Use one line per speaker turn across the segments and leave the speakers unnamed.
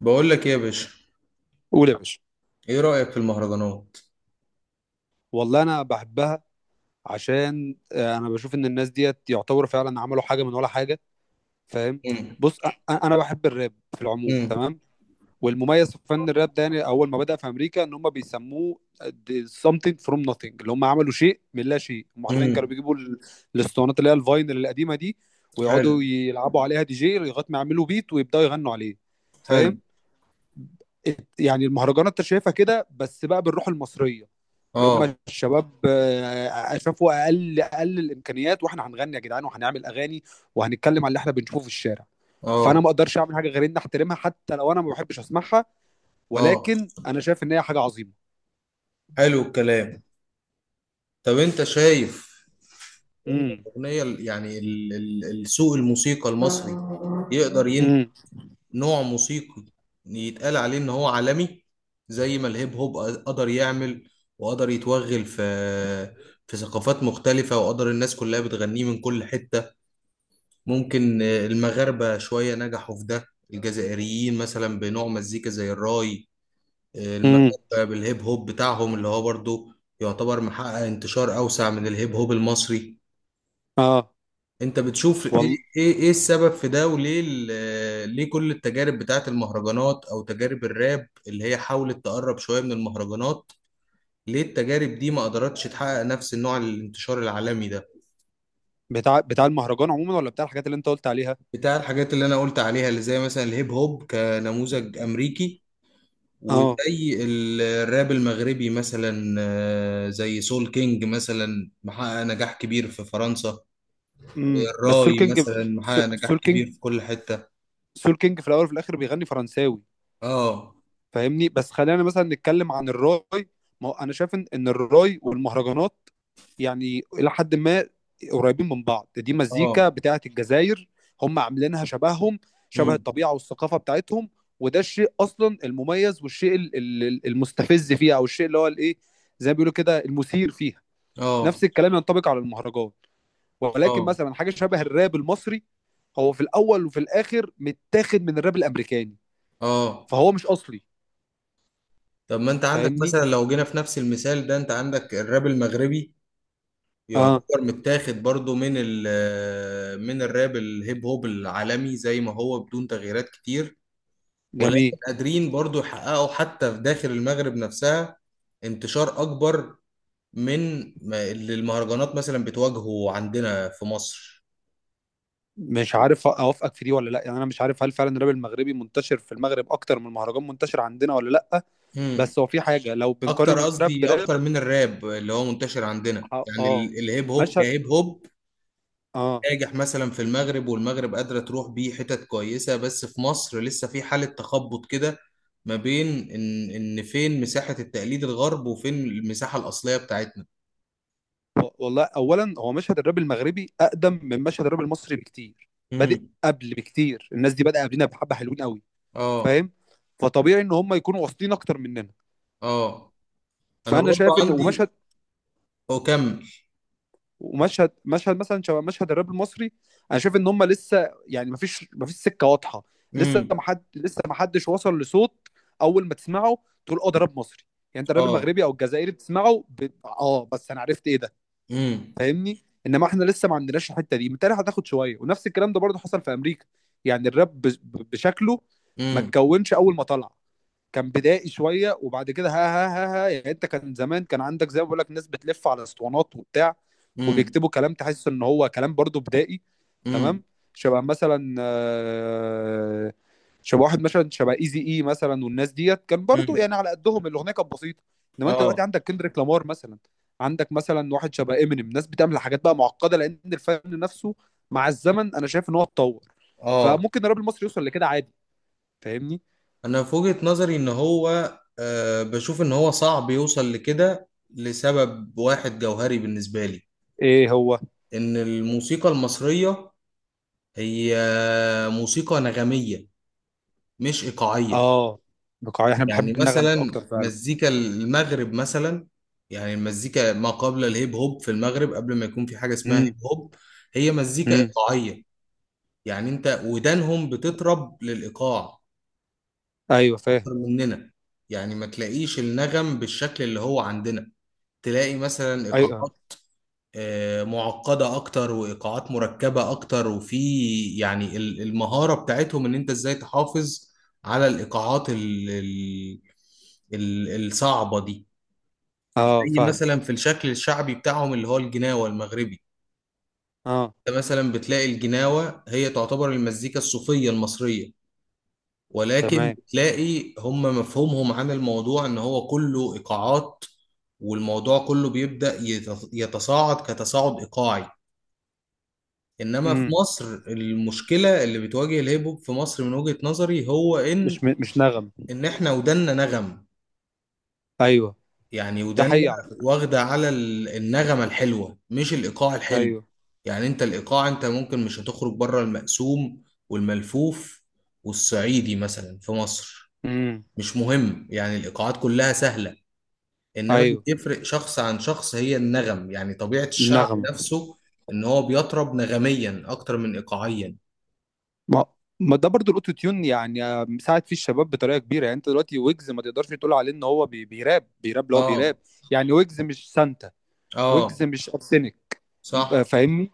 بقول لك ايه يا باشا.
قول يا باشا.
ايه رأيك في المهرجانات؟
والله انا بحبها عشان انا بشوف ان الناس ديت يعتبروا فعلا عملوا حاجه من ولا حاجه. فاهم.
امم.
بص أ- انا بحب الراب في العموم.
امم.
تمام. والمميز في فن الراب ده يعني اول ما بدأ في امريكا، ان هم بيسموه the something from nothing، اللي هم عملوا شيء من لا شيء. هم حرفيا كانوا
امم.
بيجيبوا الاسطوانات اللي هي الفاينل القديمه دي،
حلو.
ويقعدوا يلعبوا عليها دي جي لغايه ما يعملوا بيت ويبداوا يغنوا عليه.
حلو.
فاهم. يعني المهرجانات انت شايفها كده بس بقى بالروح المصريه، اللي هم
اه.
الشباب شافوا اقل اقل الامكانيات، واحنا هنغني يا جدعان وهنعمل اغاني وهنتكلم عن اللي احنا بنشوفه في الشارع. فانا
اه.
ما اقدرش اعمل حاجه غير ان احترمها، حتى لو انا ما بحبش اسمعها،
اه.
ولكن انا شايف ان هي حاجه عظيمه.
حلو الكلام. طب انت شايف ان
امم.
الاغنيه السوق الموسيقى المصري يقدر ين...
امم.
نوع موسيقي يتقال عليه ان هو عالمي، زي ما الهيب هوب قدر يعمل وقدر يتوغل في ثقافات مختلفة، وقدر الناس كلها بتغنيه من كل حتة. ممكن المغاربة شوية نجحوا في ده. الجزائريين مثلا بنوع مزيكا زي الراي.
امم.
المغاربة بالهيب هوب بتاعهم اللي هو برضو يعتبر محقق انتشار أوسع من الهيب هوب المصري.
اه.
انت بتشوف ايه؟
والله.
ايه إيه السبب في ده وليه ليه كل التجارب بتاعت المهرجانات او تجارب الراب اللي هي حاولت تقرب شوية من المهرجانات، ليه التجارب دي ما قدرتش تحقق نفس النوع الانتشار العالمي ده؟
بتاع المهرجان عموما، ولا بتاع الحاجات اللي انت قلت عليها؟
بتاع الحاجات اللي انا قلت عليها، اللي زي مثلا الهيب هوب كنموذج امريكي،
اه.
وزي الراب المغربي مثلا، زي سول كينج مثلا محقق نجاح كبير في فرنسا.
امم. بس سول
الراي
كينج
مثلا محقق نجاح
سول كينج
كبير في كل حتة.
سول كينج في الاول وفي الاخر بيغني فرنساوي.
اه.
فاهمني. بس خلينا مثلا نتكلم عن الراي. ما هو انا شايف ان الراي والمهرجانات يعني الى حد ما قريبين من بعض. دي مزيكا
اه.
بتاعه الجزائر، هم عاملينها شبههم، شبه
امم.
الطبيعه والثقافه بتاعتهم. وده الشيء اصلا المميز، والشيء المستفز فيها، او الشيء اللي هو الايه، زي ما بيقولوا كده، المثير فيها.
اه.
نفس الكلام ينطبق على المهرجان، ولكن
اه.
مثلا حاجه شبه الراب المصري، هو في الاول وفي الاخر متاخد من الراب الامريكاني،
اه.
فهو مش اصلي.
طب ما انت عندك
فاهمني.
مثلا لو جينا في نفس المثال ده، انت عندك الراب المغربي
اه
يعتبر متاخد برضو من ال من الراب الهيب هوب العالمي زي ما هو بدون تغييرات كتير،
جميل.
ولكن قادرين برضو يحققوا حتى في داخل المغرب نفسها انتشار أكبر من اللي المهرجانات مثلا بتواجهه عندنا في مصر.
مش عارف اوافقك في دي ولا لا، يعني انا مش عارف هل فعلا الراب المغربي منتشر في المغرب اكتر من المهرجان منتشر عندنا ولا لا.
مم.
بس هو في حاجه لو
أكتر،
بنقارن الراب
قصدي
براب.
أكتر من الراب اللي هو منتشر عندنا،
اه.
يعني
آه.
الهيب هوب
مشهد.
كهيب هوب
اه.
ناجح مثلا في المغرب، والمغرب قادرة تروح بيه حتت كويسة، بس في مصر لسه في حالة تخبط كده ما بين إن فين مساحة التقليد الغرب وفين المساحة الأصلية بتاعتنا.
والله اولا هو مشهد الراب المغربي اقدم من مشهد الراب المصري بكتير. بادئ
مم.
قبل بكتير. الناس دي بدأ قبلنا بحبه حلوين قوي.
اه.
فاهم. فطبيعي ان هم يكونوا واصلين اكتر مننا.
اه. انا
فانا
برضو
شايف ان
عندي،
ومشهد
اكمل.
ومشهد مثلا شبه مشهد الراب المصري. انا شايف ان هم لسه يعني مفيش سكه واضحه.
امم.
لسه ما حدش وصل لصوت اول ما تسمعه تقول اه ده راب مصري. يعني انت الراب
اه.
المغربي او الجزائري بتسمعه اه، بس انا عرفت ايه ده.
امم.
فاهمني. انما احنا لسه ما عندناش الحته دي، بالتالي هتاخد شويه، ونفس الكلام ده برضه حصل في امريكا. يعني الراب بشكله ما
امم.
اتكونش اول ما طلع. كان بدائي شويه، وبعد كده ها ها ها ها يعني انت كان زمان كان عندك، زي ما بقول لك، ناس بتلف على اسطوانات وبتاع،
امم.
وبيكتبوا كلام تحس ان هو كلام برضو بدائي.
امم.
تمام. شبه مثلا شبه واحد مثلا، شبه ايزي اي مثلا، والناس ديت كان برضو
امم.
يعني على قدهم الاغنيه كانت بسيطه. انما انت دلوقتي
اه.
عندك كندريك لامار مثلا، عندك مثلا واحد شبه امينيم، ناس بتعمل حاجات بقى معقده، لان الفن نفسه مع الزمن انا شايف ان هو اتطور.
اه.
فممكن الراب المصري يوصل لكده عادي. فاهمني.
انا في وجهة نظري ان هو آه بشوف ان هو صعب يوصل لكده لسبب واحد جوهري بالنسبة لي،
ايه هو؟
ان الموسيقى المصرية هي موسيقى نغمية مش ايقاعية.
اه. بقاعية. احنا
يعني
بنحب النغم
مثلا
اكتر فعلا.
مزيكا المغرب مثلا، يعني المزيكا ما قبل الهيب هوب في المغرب، قبل ما يكون في حاجة اسمها هيب
امم.
هوب، هي مزيكا
امم.
إيقاعية. يعني انت ودانهم بتطرب للإيقاع
ايوه فاهم.
أكتر مننا، يعني ما تلاقيش النغم بالشكل اللي هو عندنا، تلاقي مثلا
ايوه.
إيقاعات معقدة أكتر وإيقاعات مركبة أكتر، وفي يعني المهارة بتاعتهم إن أنت إزاي تحافظ على الإيقاعات الصعبة دي.
اه
زي
فاهم.
مثلا في الشكل الشعبي بتاعهم اللي هو الجناوة المغربي،
اه.
انت مثلا بتلاقي الجناوة هي تعتبر المزيكا الصوفية المصرية، ولكن
تمام.
بتلاقي هم مفهومهم عن الموضوع ان هو كله ايقاعات، والموضوع كله بيبدأ يتصاعد كتصاعد ايقاعي. انما في
امم.
مصر المشكلة اللي بتواجه الهيب هوب في مصر من وجهة نظري هو ان
مش مش نغم.
ان احنا ودنا نغم،
ايوه
يعني
ده
ودنا
حقيقي على فكرة.
واخدة على النغمة الحلوة مش الايقاع الحلو.
ايوه.
يعني انت الايقاع، انت ممكن مش هتخرج بره المقسوم والملفوف والصعيدي مثلا في مصر،
امم.
مش مهم. يعني الايقاعات كلها سهله، انما اللي
ايوه.
بيفرق شخص عن شخص هي النغم، يعني طبيعه الشعب
النغمة.
نفسه ان هو بيطرب نغميا اكتر من ايقاعيا.
ما ما ده برضو الاوتو تيون، يعني مساعد فيه الشباب بطريقه كبيره. يعني انت دلوقتي ويجز ما تقدرش تقول عليه ان هو بي... بيراب بيراب اللي هو بيراب.
اه.
يعني ويجز مش سانتا.
اه.
ويجز مش ارسنك.
صح.
فاهمني.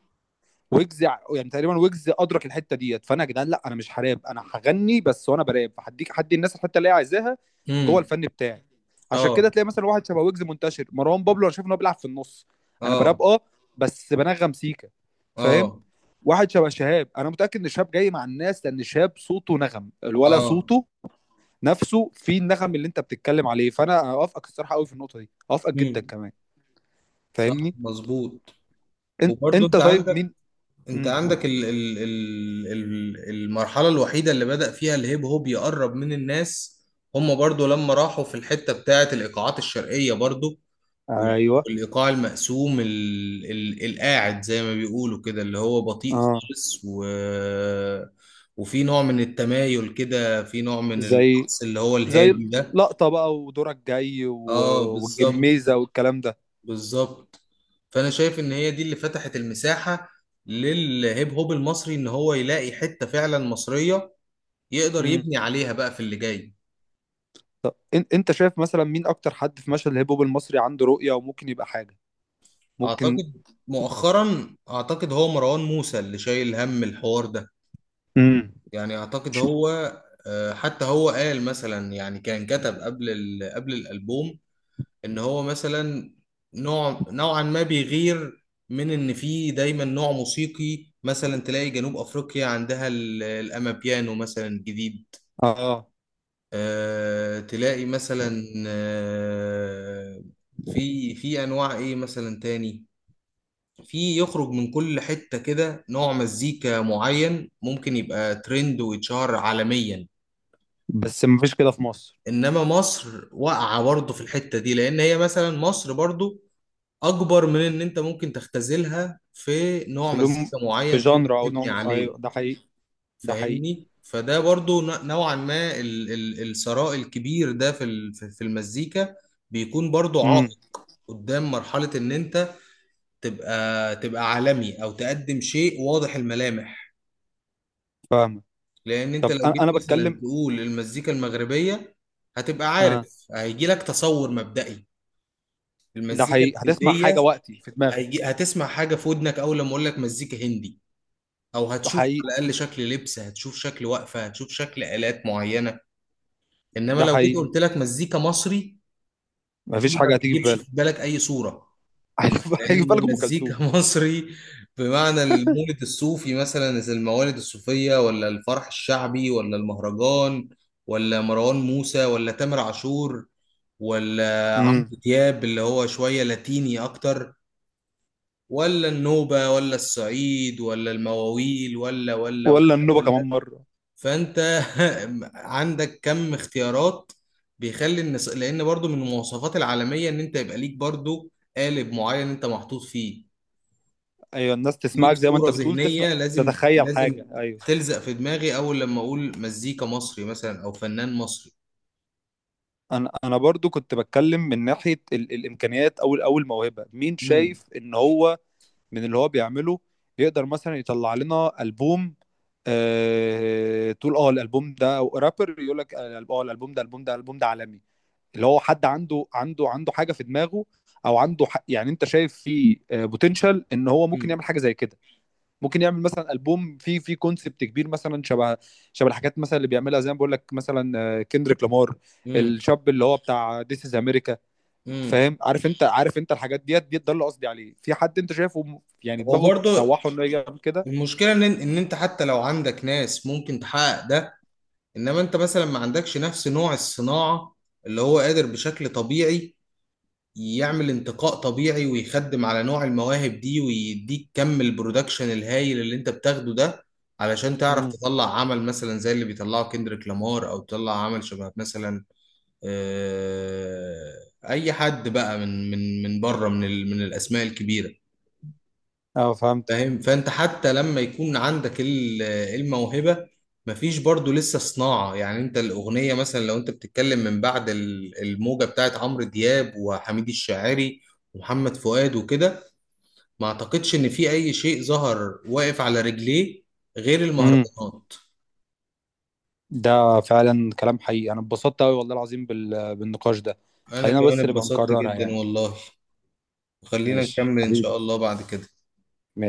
يعني تقريبا ويجز ادرك الحته ديت. فانا يا جدعان، لا انا مش هراب، انا هغني بس، وانا براب هدي الناس الحته اللي هي عايزاها جوه
امم.
الفن بتاعي. عشان كده
اه.
تلاقي مثلا واحد شبه ويجز منتشر، مروان بابلو. انا شايف ان هو بيلعب في النص. انا
اه.
براب، اه، بس بنغم سيكا. فاهم.
اه.
واحد شبه شهاب، انا متاكد ان شهاب جاي مع الناس، لان شهاب صوته نغم الولا
اه.
صوته نفسه في النغم اللي انت بتتكلم عليه. فانا اوافقك الصراحه قوي في النقطه دي، اوافقك جدا
امم.
كمان.
صح
فاهمني.
مظبوط. وبرضه
انت طيب مين؟
انت
امم.
عندك ال المرحلة الوحيدة اللي بدأ فيها الهيب هوب يقرب من الناس، هم برضو لما راحوا في الحتة بتاعة الإيقاعات الشرقية برضو، وال-
ايوه.
والإيقاع المقسوم ال القاعد زي ما بيقولوا كده، اللي هو بطيء
اه.
خالص، و وفي نوع من التمايل كده، في نوع من
زي
الرقص اللي هو
زي
الهادي ده.
لقطة بقى ودورك جاي
اه بالظبط،
والجميزة والكلام ده.
بالظبط. فانا شايف ان هي دي اللي فتحت المساحة للهيب هوب المصري ان هو يلاقي حتة فعلا مصرية يقدر
امم.
يبني عليها بقى في اللي جاي.
طب انت شايف مثلا مين اكتر حد في مشهد الهيب هوب المصري عنده رؤية وممكن يبقى حاجة؟ ممكن.
اعتقد مؤخرا اعتقد هو مروان موسى اللي شايل هم الحوار ده،
امم.
يعني اعتقد
مش-
هو حتى هو قال مثلا، يعني كان كتب قبل قبل الالبوم ان هو مثلا نوع نوعا ما بيغير، من ان في دايما نوع موسيقي، مثلا تلاقي جنوب افريقيا عندها الامابيانو مثلا جديد،
اه
آه تلاقي مثلا، آه في انواع ايه مثلا تاني، في يخرج من كل حتة كده نوع مزيكا معين ممكن يبقى ترند ويتشهر عالميا.
بس مفيش كده في مصر.
انما مصر واقعة برضه في الحتة دي، لان هي مثلا مصر برضه اكبر من ان انت ممكن تختزلها في نوع
في لون،
مزيكا
في
معين تقدر
جانرا او
تبني
نوع،
عليه.
ايوه ده حقيقي. ده حقيقي.
فاهمني. فده برضو نوعا ما الثراء الكبير ده في في المزيكا بيكون برضو عائق
امم.
قدام مرحلة ان انت تبقى عالمي او تقدم شيء واضح الملامح.
فاهمك.
لان انت
طب
لو
انا
جيت
انا
مثلا
بتكلم.
تقول المزيكا المغربية، هتبقى
اه
عارف هيجي لك تصور مبدئي.
ده
المزيكا
حقيقي، هتسمع حاجة
الهندية،
وقتي في
هيجي
دماغك.
هتسمع حاجة في ودنك اول لما اقول لك مزيكا هندي، او
ده
هتشوف
حقيقي.
على الاقل شكل لبس، هتشوف شكل وقفه، هتشوف شكل الات معينه. انما
ده
لو جيت
حقيقي،
قلت لك مزيكا مصري،
مفيش
دي ما
حاجة هتيجي في
بتجيبش في
بالك.
بالك اي صوره،
هيجي في بالك
لان
ام
مزيكا
كلثوم.
مصري، بمعنى المولد الصوفي مثلا زي الموالد الصوفيه، ولا الفرح الشعبي، ولا المهرجان، ولا مروان موسى، ولا تامر عاشور، ولا عمرو
امم.
دياب اللي هو شويه لاتيني اكتر، ولا النوبه، ولا الصعيد، ولا المواويل، ولا ولا
ولا النوبة
ولا.
كمان مرة.
فانت عندك كم اختيارات بيخلي الناس، لان برضو من المواصفات العالميه ان انت يبقى ليك برضو قالب معين انت محطوط فيه،
ايوه، الناس
ليك
تسمعك زي ما انت
صوره
بتقول، تسمع،
ذهنيه لازم
تتخيل
لازم
حاجه، ايوه.
تلزق في دماغي اول لما اقول مزيكا مصري مثلا او فنان مصري.
انا برضو كنت بتكلم من ناحيه الامكانيات، او الموهبه. مين
مم.
شايف ان هو من اللي هو بيعمله يقدر مثلا يطلع لنا البوم؟ تقول اه الالبوم ده، او رابر يقول لك اه الالبوم ده الالبوم ده الالبوم ده عالمي. اللي هو حد عنده حاجه في دماغه، او يعني انت شايف فيه بوتنشال ان هو ممكن
مم.
يعمل حاجه زي كده. ممكن يعمل مثلا البوم فيه كونسبت كبير مثلا، شبه الحاجات مثلا اللي بيعملها زي ما بقول لك مثلا كندريك لامار،
مم.
الشاب اللي هو بتاع ذيس از امريكا.
مم.
فاهم. عارف انت، عارف انت الحاجات ديت ده اللي قصدي عليه. في حد انت شايفه يعني
هو
دماغه
برضو
تسوحه انه يعمل كده.
المشكله ان انت حتى لو عندك ناس ممكن تحقق ده، انما انت مثلا ما عندكش نفس نوع الصناعه اللي هو قادر بشكل طبيعي يعمل انتقاء طبيعي، ويخدم على نوع المواهب دي، ويديك كم البرودكشن الهايل اللي انت بتاخده ده، علشان تعرف
امم.
تطلع عمل مثلا زي اللي بيطلعه كندريك لامار، او تطلع عمل شبه مثلا اي حد بقى من بره من من الاسماء الكبيره،
اه فهمت.
فاهم. فانت حتى لما يكون عندك الموهبه، مفيش برضو لسه صناعه. يعني انت الاغنيه مثلا، لو انت بتتكلم من بعد الموجه بتاعت عمرو دياب وحميد الشاعري ومحمد فؤاد وكده، ما اعتقدش ان في اي شيء ظهر واقف على رجليه غير
امم.
المهرجانات.
ده فعلا كلام حقيقي، انا اتبسطت قوي والله العظيم بالنقاش ده.
انا
خلينا
كمان
بس نبقى
اتبسطت
نكررها
جدا
يعني.
والله. خلينا
ماشي
نكمل ان
حبيبي.
شاء الله بعد كده.